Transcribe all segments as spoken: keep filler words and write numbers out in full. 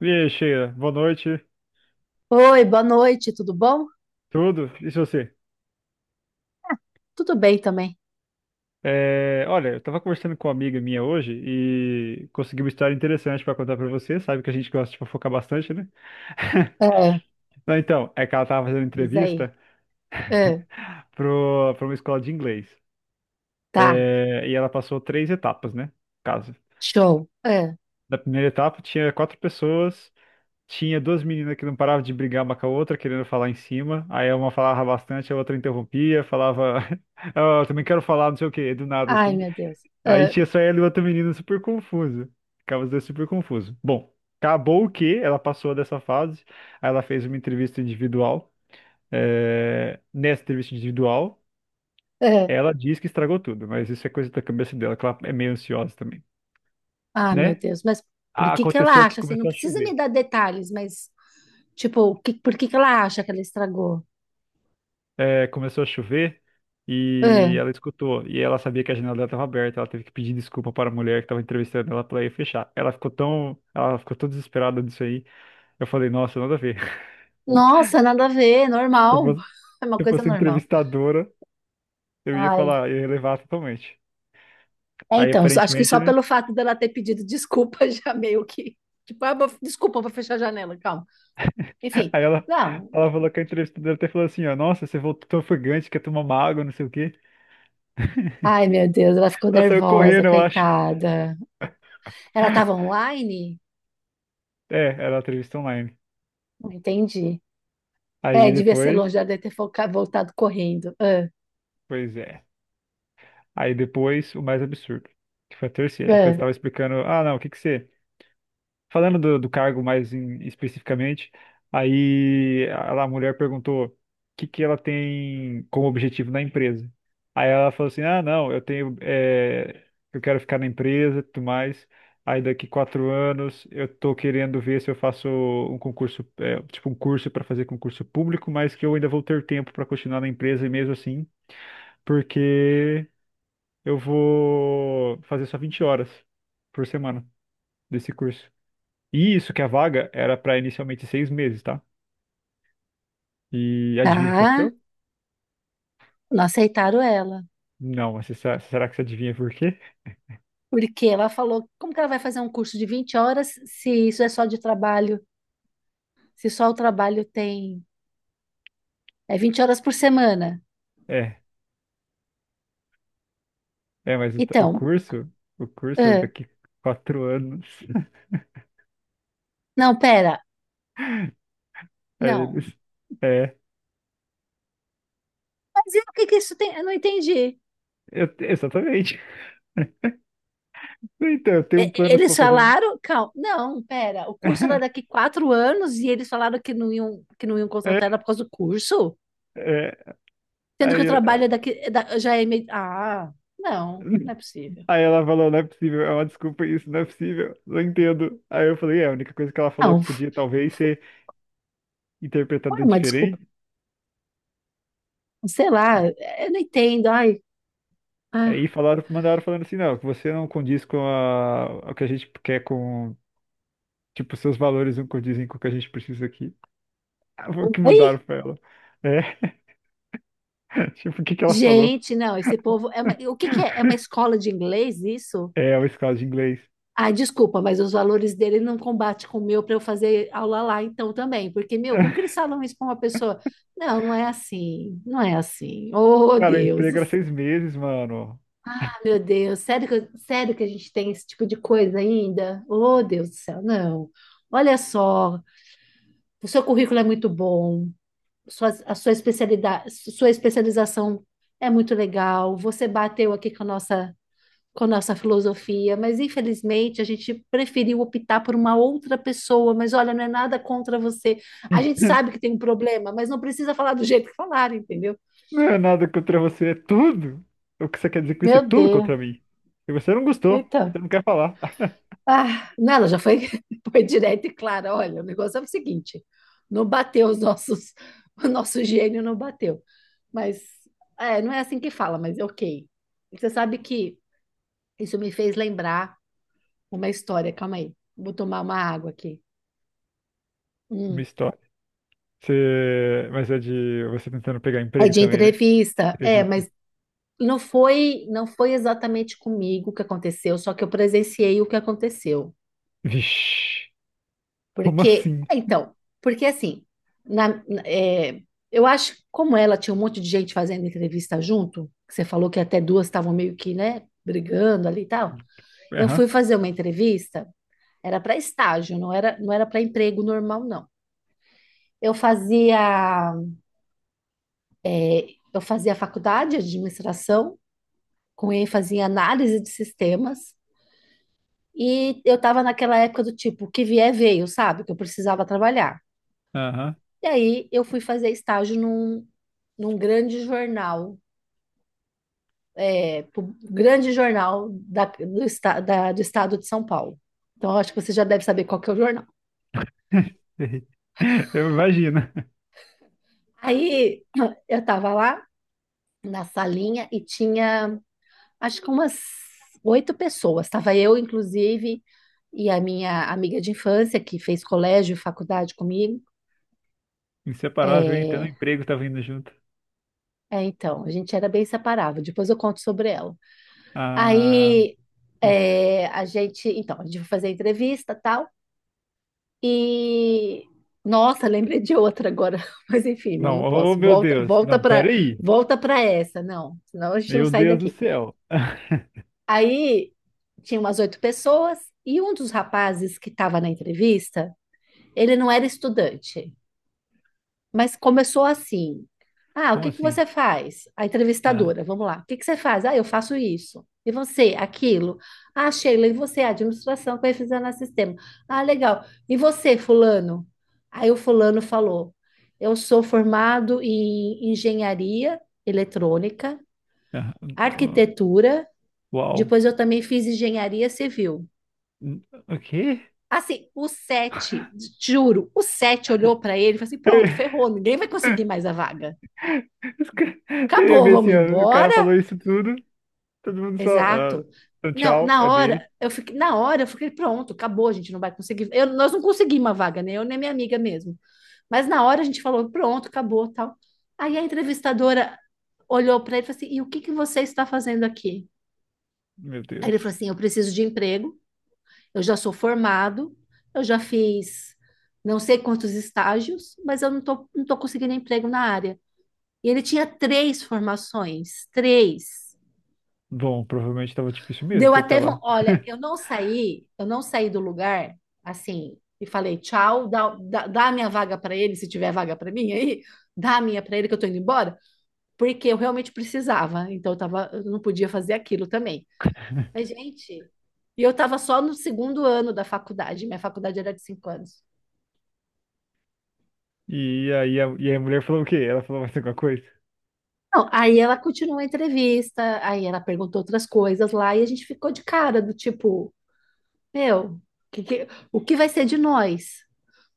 E aí, Sheila, boa noite, Oi, boa noite, tudo bom? tudo? E se você? Tudo bem também. É, olha, eu tava conversando com uma amiga minha hoje e consegui uma história interessante pra contar pra você, sabe que a gente gosta de fofocar bastante, né? Ah, Não, então, é que ela tava fazendo diz aí. entrevista Ah, pro, pra uma escola de inglês. tá, É, e ela passou três etapas, né? no Caso. show. Ah, Na primeira etapa tinha quatro pessoas. Tinha duas meninas que não paravam de brigar uma com a outra, querendo falar em cima. Aí uma falava bastante, a outra interrompia, falava, "Ah, eu também quero falar, não sei o quê, do nada ai, assim." meu Deus. Aí Ah, tinha só ela e outra menina super confusa. Ficava os dois super confusos. Bom, acabou o que ela passou dessa fase. Aí ela fez uma entrevista individual. É, nessa entrevista individual, ah, ela diz que estragou tudo, mas isso é coisa da cabeça dela, que ela é meio ansiosa também, ah, meu né? Deus. Mas por que que ela Aconteceu que acha assim? Não começou a precisa me chover. dar detalhes, mas tipo, o que- por que que ela acha que ela estragou? É, começou a chover Ah, e ela escutou. E ela sabia que a janela dela estava aberta. Ela teve que pedir desculpa para a mulher que estava entrevistando ela para ir fechar. Ela ficou tão, ela ficou tão desesperada disso aí. Eu falei, nossa, nada a ver. nossa, nada a ver, Se eu normal. fosse, se É uma eu coisa fosse normal. entrevistadora, eu ia Ai, falar, eu ia levar totalmente. é, Aí então, só- acho que aparentemente, só né? pelo fato dela ter pedido desculpa já meio que. Tipo, ah, vou- desculpa, vou fechar a janela, calma. Enfim, Aí ela, não. ela falou que a entrevistadora até falou assim, ó, nossa, você voltou tão ofegante, quer tomar uma água, não sei o quê. Ai, meu Deus, ela ficou Ela saiu nervosa, correndo, eu acho. coitada. Ela estava online? É, era a entrevista online. Não entendi. É, Aí devia ser depois, longe, ela deve ter foca- voltado correndo. Ah, pois é. Aí depois o mais absurdo, que foi a terceira, que eu ah. estava explicando, ah, não, o que que você. Falando do, do cargo mais em- especificamente, aí a, a mulher perguntou o que que ela tem como objetivo na empresa. Aí ela falou assim, ah, não, eu tenho. eh, eu quero ficar na empresa e tudo mais. Aí daqui quatro anos eu tô querendo ver se eu faço um concurso, eh, tipo um curso para fazer concurso público, mas que eu ainda vou ter tempo para continuar na empresa e mesmo assim porque eu vou fazer só vinte horas por semana desse curso. E isso que a vaga era para inicialmente seis meses, tá? E adivinha o que Tá, aconteceu? não aceitaram ela. Não, mas você sa- será que você adivinha por quê? Porque ela falou, como que ela vai fazer um curso de vinte horas se isso é só de trabalho? Se só o trabalho tem... É vinte horas por semana. É, é, mas o, t- o Então, curso, o curso era ah, daqui quatro anos. não, pera, Aí não. eles, é, Mas e o que que isso tem? Eu não entendi. eu- exatamente. Então, eu tenho E- planos Eles para fazer um. falaram, calma, não, pera, o curso era daqui quatro anos e eles falaram que não iam, que não iam contratar ela É, por causa do curso, é, sendo que aí, o eu- trabalho é daqui é da- já é meio. Ah, não, não é possível. Aí ela falou, não é possível, é uma desculpa isso, não é possível, não entendo. Aí eu falei, é, a única coisa que ela falou Não, que podia talvez ser foi interpretada uma desculpa. diferente. Sei lá, eu não entendo. Ai, ah, Aí falaram, mandaram falando assim, não, que você não condiz com a, o que a gente quer com, tipo, seus valores não condizem com o que a gente precisa aqui. Ah, foi o que oi? mandaram pra ela. É, tipo, o que que ela falou? Gente, não, esse povo é uma, o que que é? É uma escola de inglês isso? É, uma escola de inglês. Ai, desculpa, mas os valores dele não combatem com o meu para eu fazer aula lá então também. Porque, meu, como que eles falam isso para uma pessoa? Não, não é assim, não é assim. Oh, Cara, o Deus do emprego era seis céu. meses, mano. Ah, meu Deus, sério que, eu- sério que a gente tem esse tipo de coisa ainda? Oh, Deus do céu, não. Olha só, o seu currículo é muito bom, sua, a sua especialidade, sua especialização é muito legal. Você bateu aqui com a nossa com nossa filosofia, mas infelizmente a gente preferiu optar por uma outra pessoa. Mas olha, não é nada contra você. A gente sabe que tem um problema, mas não precisa falar do jeito que falaram, entendeu? Não é nada contra você, é tudo. O que você quer dizer com isso é Meu tudo Deus. contra mim. E você não gostou, Então, você não quer falar. ah, não, ela já foi, foi direta e clara. Olha, o negócio é o seguinte: não bateu os nossos, o nosso gênio não bateu. Mas é, não é assim que fala, mas é ok. Você sabe que isso me fez lembrar uma história. Calma aí, vou tomar uma água aqui. Uma Hum. história. Você... Mas é de você tentando pegar É emprego de também, né? entrevista, é, Entrevista. mas não foi, não foi exatamente comigo que aconteceu, só que eu presenciei o que aconteceu. Vixe, como Porque, assim? então, porque assim, na- na- é, eu acho que como ela tinha um monte de gente fazendo entrevista junto, que você falou que até duas estavam meio que, né, brigando ali e tal. Eu fui Aham, fazer uma entrevista, era para estágio, não era, não era para emprego normal, não. Eu fazia, eu fazia faculdade de administração com ênfase em análise de sistemas. E eu tava naquela época do tipo, que vier veio, sabe? Que eu precisava trabalhar. aham. E aí eu fui fazer estágio num, num grande jornal, é, pu- grande jornal da, do, esta- da- do estado de São Paulo. Então eu acho que você já deve saber qual que é o jornal. Eu imagino. Aí eu tava lá na salinha e tinha, acho que umas oito pessoas. Tava eu, inclusive, e a minha amiga de infância, que fez colégio, e faculdade comigo. Inseparável, hein? Até no É, emprego tá vindo junto. é, então, a gente era bem separável. Depois eu conto sobre ela. Ah, Aí é, a gente, então, a gente foi fazer a entrevista, tal, e nossa, lembrei de outra agora, mas enfim, não, não, não posso. oh meu Volta, Deus. volta Não, para, peraí. volta para essa, não, senão a gente não Meu sai Deus do daqui. céu. Aí tinha umas oito pessoas e um dos rapazes que estava na entrevista, ele não era estudante. Mas começou assim. Ah, o Como que que assim? você faz? A Ah, entrevistadora, vamos lá. O que que você faz? Ah, eu faço isso. E você, aquilo. Ah, Sheila, e você, administração, na sistema. Ah, legal. E você, fulano? Aí o fulano falou: eu sou formado em engenharia eletrônica, ah, ah, arquitetura, depois uau. eu também fiz engenharia civil. O quê? Assim, o sete, juro, o sete olhou para ele e falou assim: pronto, ferrou, ninguém vai conseguir mais a vaga. Os ca- Eu ia Acabou, ver vamos assim, ó, o cara embora? falou isso tudo, todo mundo só, ah, Exato. então Não, tchau, na é dele. hora, eu fiquei, na hora eu fiquei pronto, acabou, a gente não vai conseguir. Eu- nós não conseguimos uma vaga, nem eu nem minha amiga mesmo. Mas na hora a gente falou, pronto, acabou, tal. Aí a entrevistadora olhou para ele e falou assim: "E o que que você está fazendo aqui?" Meu Aí ele Deus. falou assim: "Eu preciso de emprego, eu já sou formado, eu já fiz não sei quantos estágios, mas eu não tô, não tô conseguindo emprego na área." E ele tinha três formações, três. Bom, provavelmente tava difícil mesmo Deu pra ele tá até, von- lá. olha, eu não saí, eu não saí do lugar assim e falei tchau, dá, dá, dá a minha vaga para ele, se tiver vaga para mim aí, dá a minha para ele que eu tô indo embora, porque eu realmente precisava, então eu tava, eu não podia fazer aquilo também. Mas, gente, e eu tava só no segundo ano da faculdade, minha faculdade era de cinco anos. E aí a, e aí a mulher falou o quê? Ela falou mais alguma coisa? Não, aí ela continuou a entrevista, aí ela perguntou outras coisas lá e a gente ficou de cara do tipo, meu, que, que, o que vai ser de nós?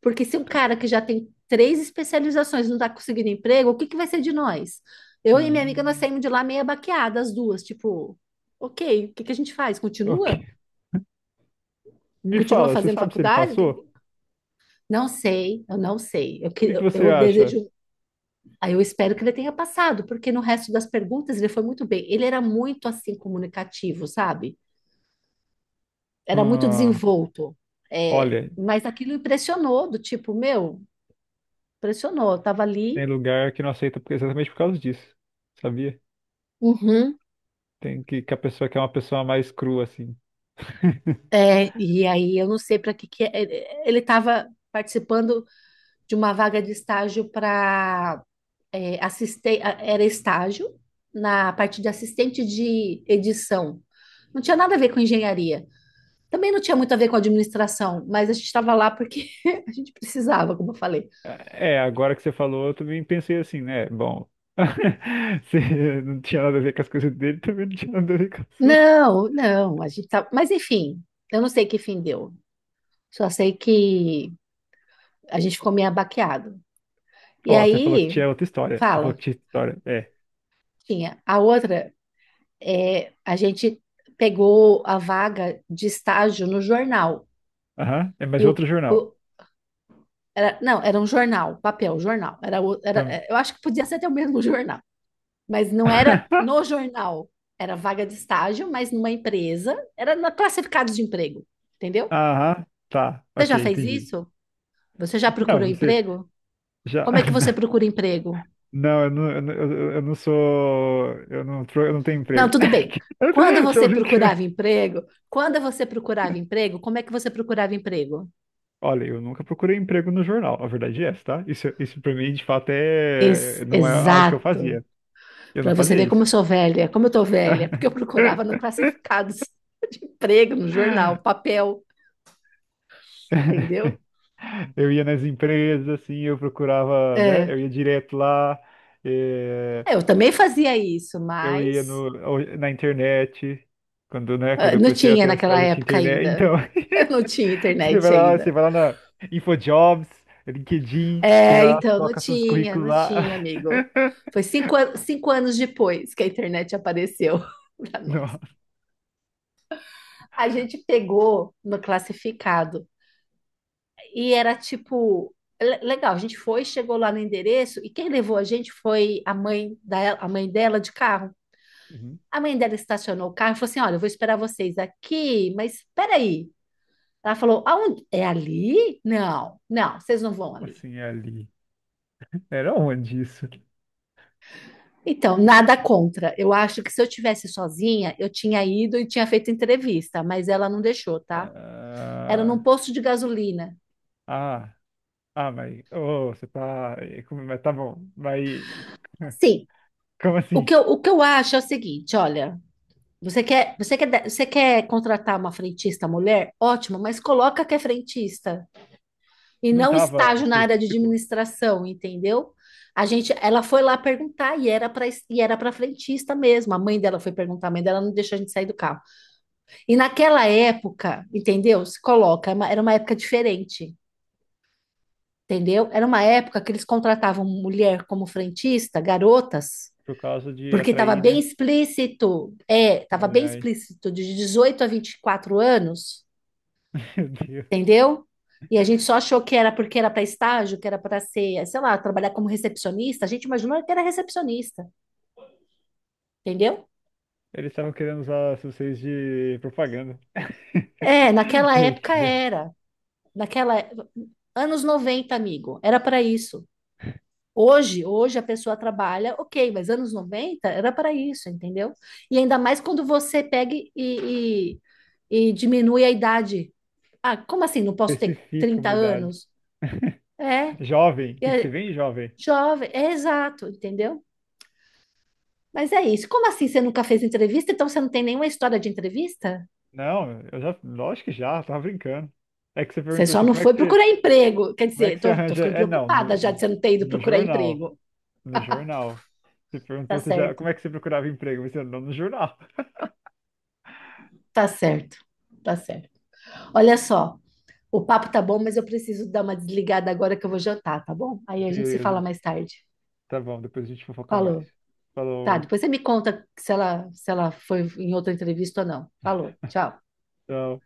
Porque se um cara que já tem três especializações não está conseguindo emprego, o que que vai ser de nós? Eu e minha amiga, nós Hum, saímos de lá meia baqueada, as duas, tipo, ok, o que que a gente faz? ok. Continua? Me Continua fala, você fazendo sabe se ele faculdade? O passou? O que- Não sei, eu não sei. Eu, que- que que eu, você eu acha? desejo, aí eu espero que ele tenha passado, porque no resto das perguntas ele foi muito bem. Ele era muito assim comunicativo, sabe? Era muito Ah, desenvolto. É, olha, mas aquilo impressionou, do tipo, meu, impressionou. Eu tava tem ali, lugar que não aceita por- exatamente por causa disso. Sabia? uhum. Tem que, que a pessoa quer uma pessoa mais crua, assim. É, e aí eu não sei para que que é. É, ele estava participando de uma vaga de estágio para assistir, era estágio na parte de assistente de edição. Não tinha nada a ver com engenharia. Também não tinha muito a ver com administração, mas a gente estava lá porque a gente precisava, como eu falei. É, agora que você falou, eu também pensei assim, né? Bom, se não tinha nada a ver com as coisas dele, também não tinha nada a ver com a sua. Não, não, a gente tá, mas enfim, eu não sei que fim deu. Só sei que a gente ficou meio abaqueado. E Ó, você falou que aí, tinha outra história. Você falou fala, que tinha história. É. tinha a outra é, a gente pegou a vaga de estágio no jornal. Aham. É, E mas o, outro jornal. o- era- não, era um jornal, papel, jornal. Era, o- era, Tam- é, eu acho que podia ser até o mesmo jornal, mas não era no jornal. Era vaga de estágio, mas numa empresa. Era na classificados de emprego, entendeu? Aham. Tá. Você Ok, já fez entendi. isso? Você já Não, procurou você emprego? já. Como é que você procura emprego? Não, eu não, eu não, eu- eu não sou. Eu não, tro- eu não tenho Não, emprego. tudo bem. Quando Tô você brincando. procurava emprego, quando você procurava emprego, como é que você procurava emprego? Olha, eu nunca procurei emprego no jornal. A verdade é essa, tá? Isso, isso pra mim, de fato, Ex- é... não é algo que eu Exato. fazia. Eu não Para você fazia ver como isso. eu sou velha, como eu tô velha, porque eu procurava no classificados, emprego, no jornal, papel, entendeu? Eu ia nas empresas, assim, eu procurava, né? É. Eu ia direto lá, eh, É, eu também fazia isso, eu ia mas no, ou- na internet, quando, né, quando ah, eu não comecei a tinha ter a naquela cidade de época internet, ainda. então, Não tinha você internet vai lá, ainda. você vai lá na InfoJobs, LinkedIn, tem É, lá, então, não coloca seus tinha, currículos não lá. tinha, amigo. Foi cinco, an- cinco anos depois que a internet apareceu para nós. Nossa, A gente pegou no classificado. E era tipo, le- legal, a gente foi, chegou lá no endereço, e quem levou a gente foi a mãe da, a mãe dela de carro. uhum, A mãe dela estacionou o carro e falou assim: olha, eu vou esperar vocês aqui, mas peraí. Ela falou: aonde? É ali? Não, não, vocês não vão como ali. assim é ali? Era onde isso? Então, nada contra. Eu acho que se eu tivesse sozinha, eu tinha ido e tinha feito entrevista, mas ela não deixou, tá? Era num Ah, posto de gasolina. ah. Ah, mas ô, você tá. eh, como- Mas tá bom. Mas Assim, como o assim? que eu, o que eu acho é o seguinte: olha, você quer, você quer, você quer contratar uma frentista mulher? Ótimo, mas coloca que é frentista e Não não tava estágio na área de específico? administração, entendeu? A gente, ela foi lá perguntar e era para e era para frentista mesmo. A mãe dela foi perguntar, a mãe dela não deixou a gente sair do carro. E naquela época, entendeu? Se coloca, é uma- era uma época diferente, entendeu? Era uma época que eles contratavam mulher como frentista, garotas, Por causa de porque estava atrair, bem né? explícito, é, estava Ai, bem ai. explícito, de dezoito a vinte e quatro anos, Meu Deus. entendeu? E a gente só achou que era porque era para estágio, que era para ser, sei lá, trabalhar como recepcionista. A gente imaginou que era recepcionista, entendeu? Eles estavam querendo usar vocês de propaganda. É, naquela Meu época Deus. era. Naquela é, anos noventa amigo, era para isso. Hoje, hoje a pessoa trabalha, ok, mas anos noventa era para isso, entendeu? E ainda mais quando você pega e, e, e diminui a idade. Ah, como assim? Não posso ter Especifica a trinta umidade. anos? É, Jovem, tem que ser é bem jovem. jovem, é exato, entendeu? Mas é isso. Como assim você nunca fez entrevista? Então você não tem nenhuma história de entrevista? Não, eu já, lógico que já, tava brincando. É que você Você perguntou só assim, não como é foi que você, procurar emprego. Quer como é que dizer, você tô, tô arranja? ficando É, não, preocupada já de no, você não ter ido no procurar jornal. emprego. No jornal. Você Tá perguntou se já, certo, como é que você procurava emprego? Você não no jornal. tá certo, tá certo. Olha só, o papo tá bom, mas eu preciso dar uma desligada agora que eu vou jantar, tá bom? Aí a gente se Beleza. fala mais tarde. Tá bom, depois a gente fofoca mais. Falou. Tá, Falou. depois você me conta se ela, se ela foi em outra entrevista ou não. Falou, tchau. Tchau.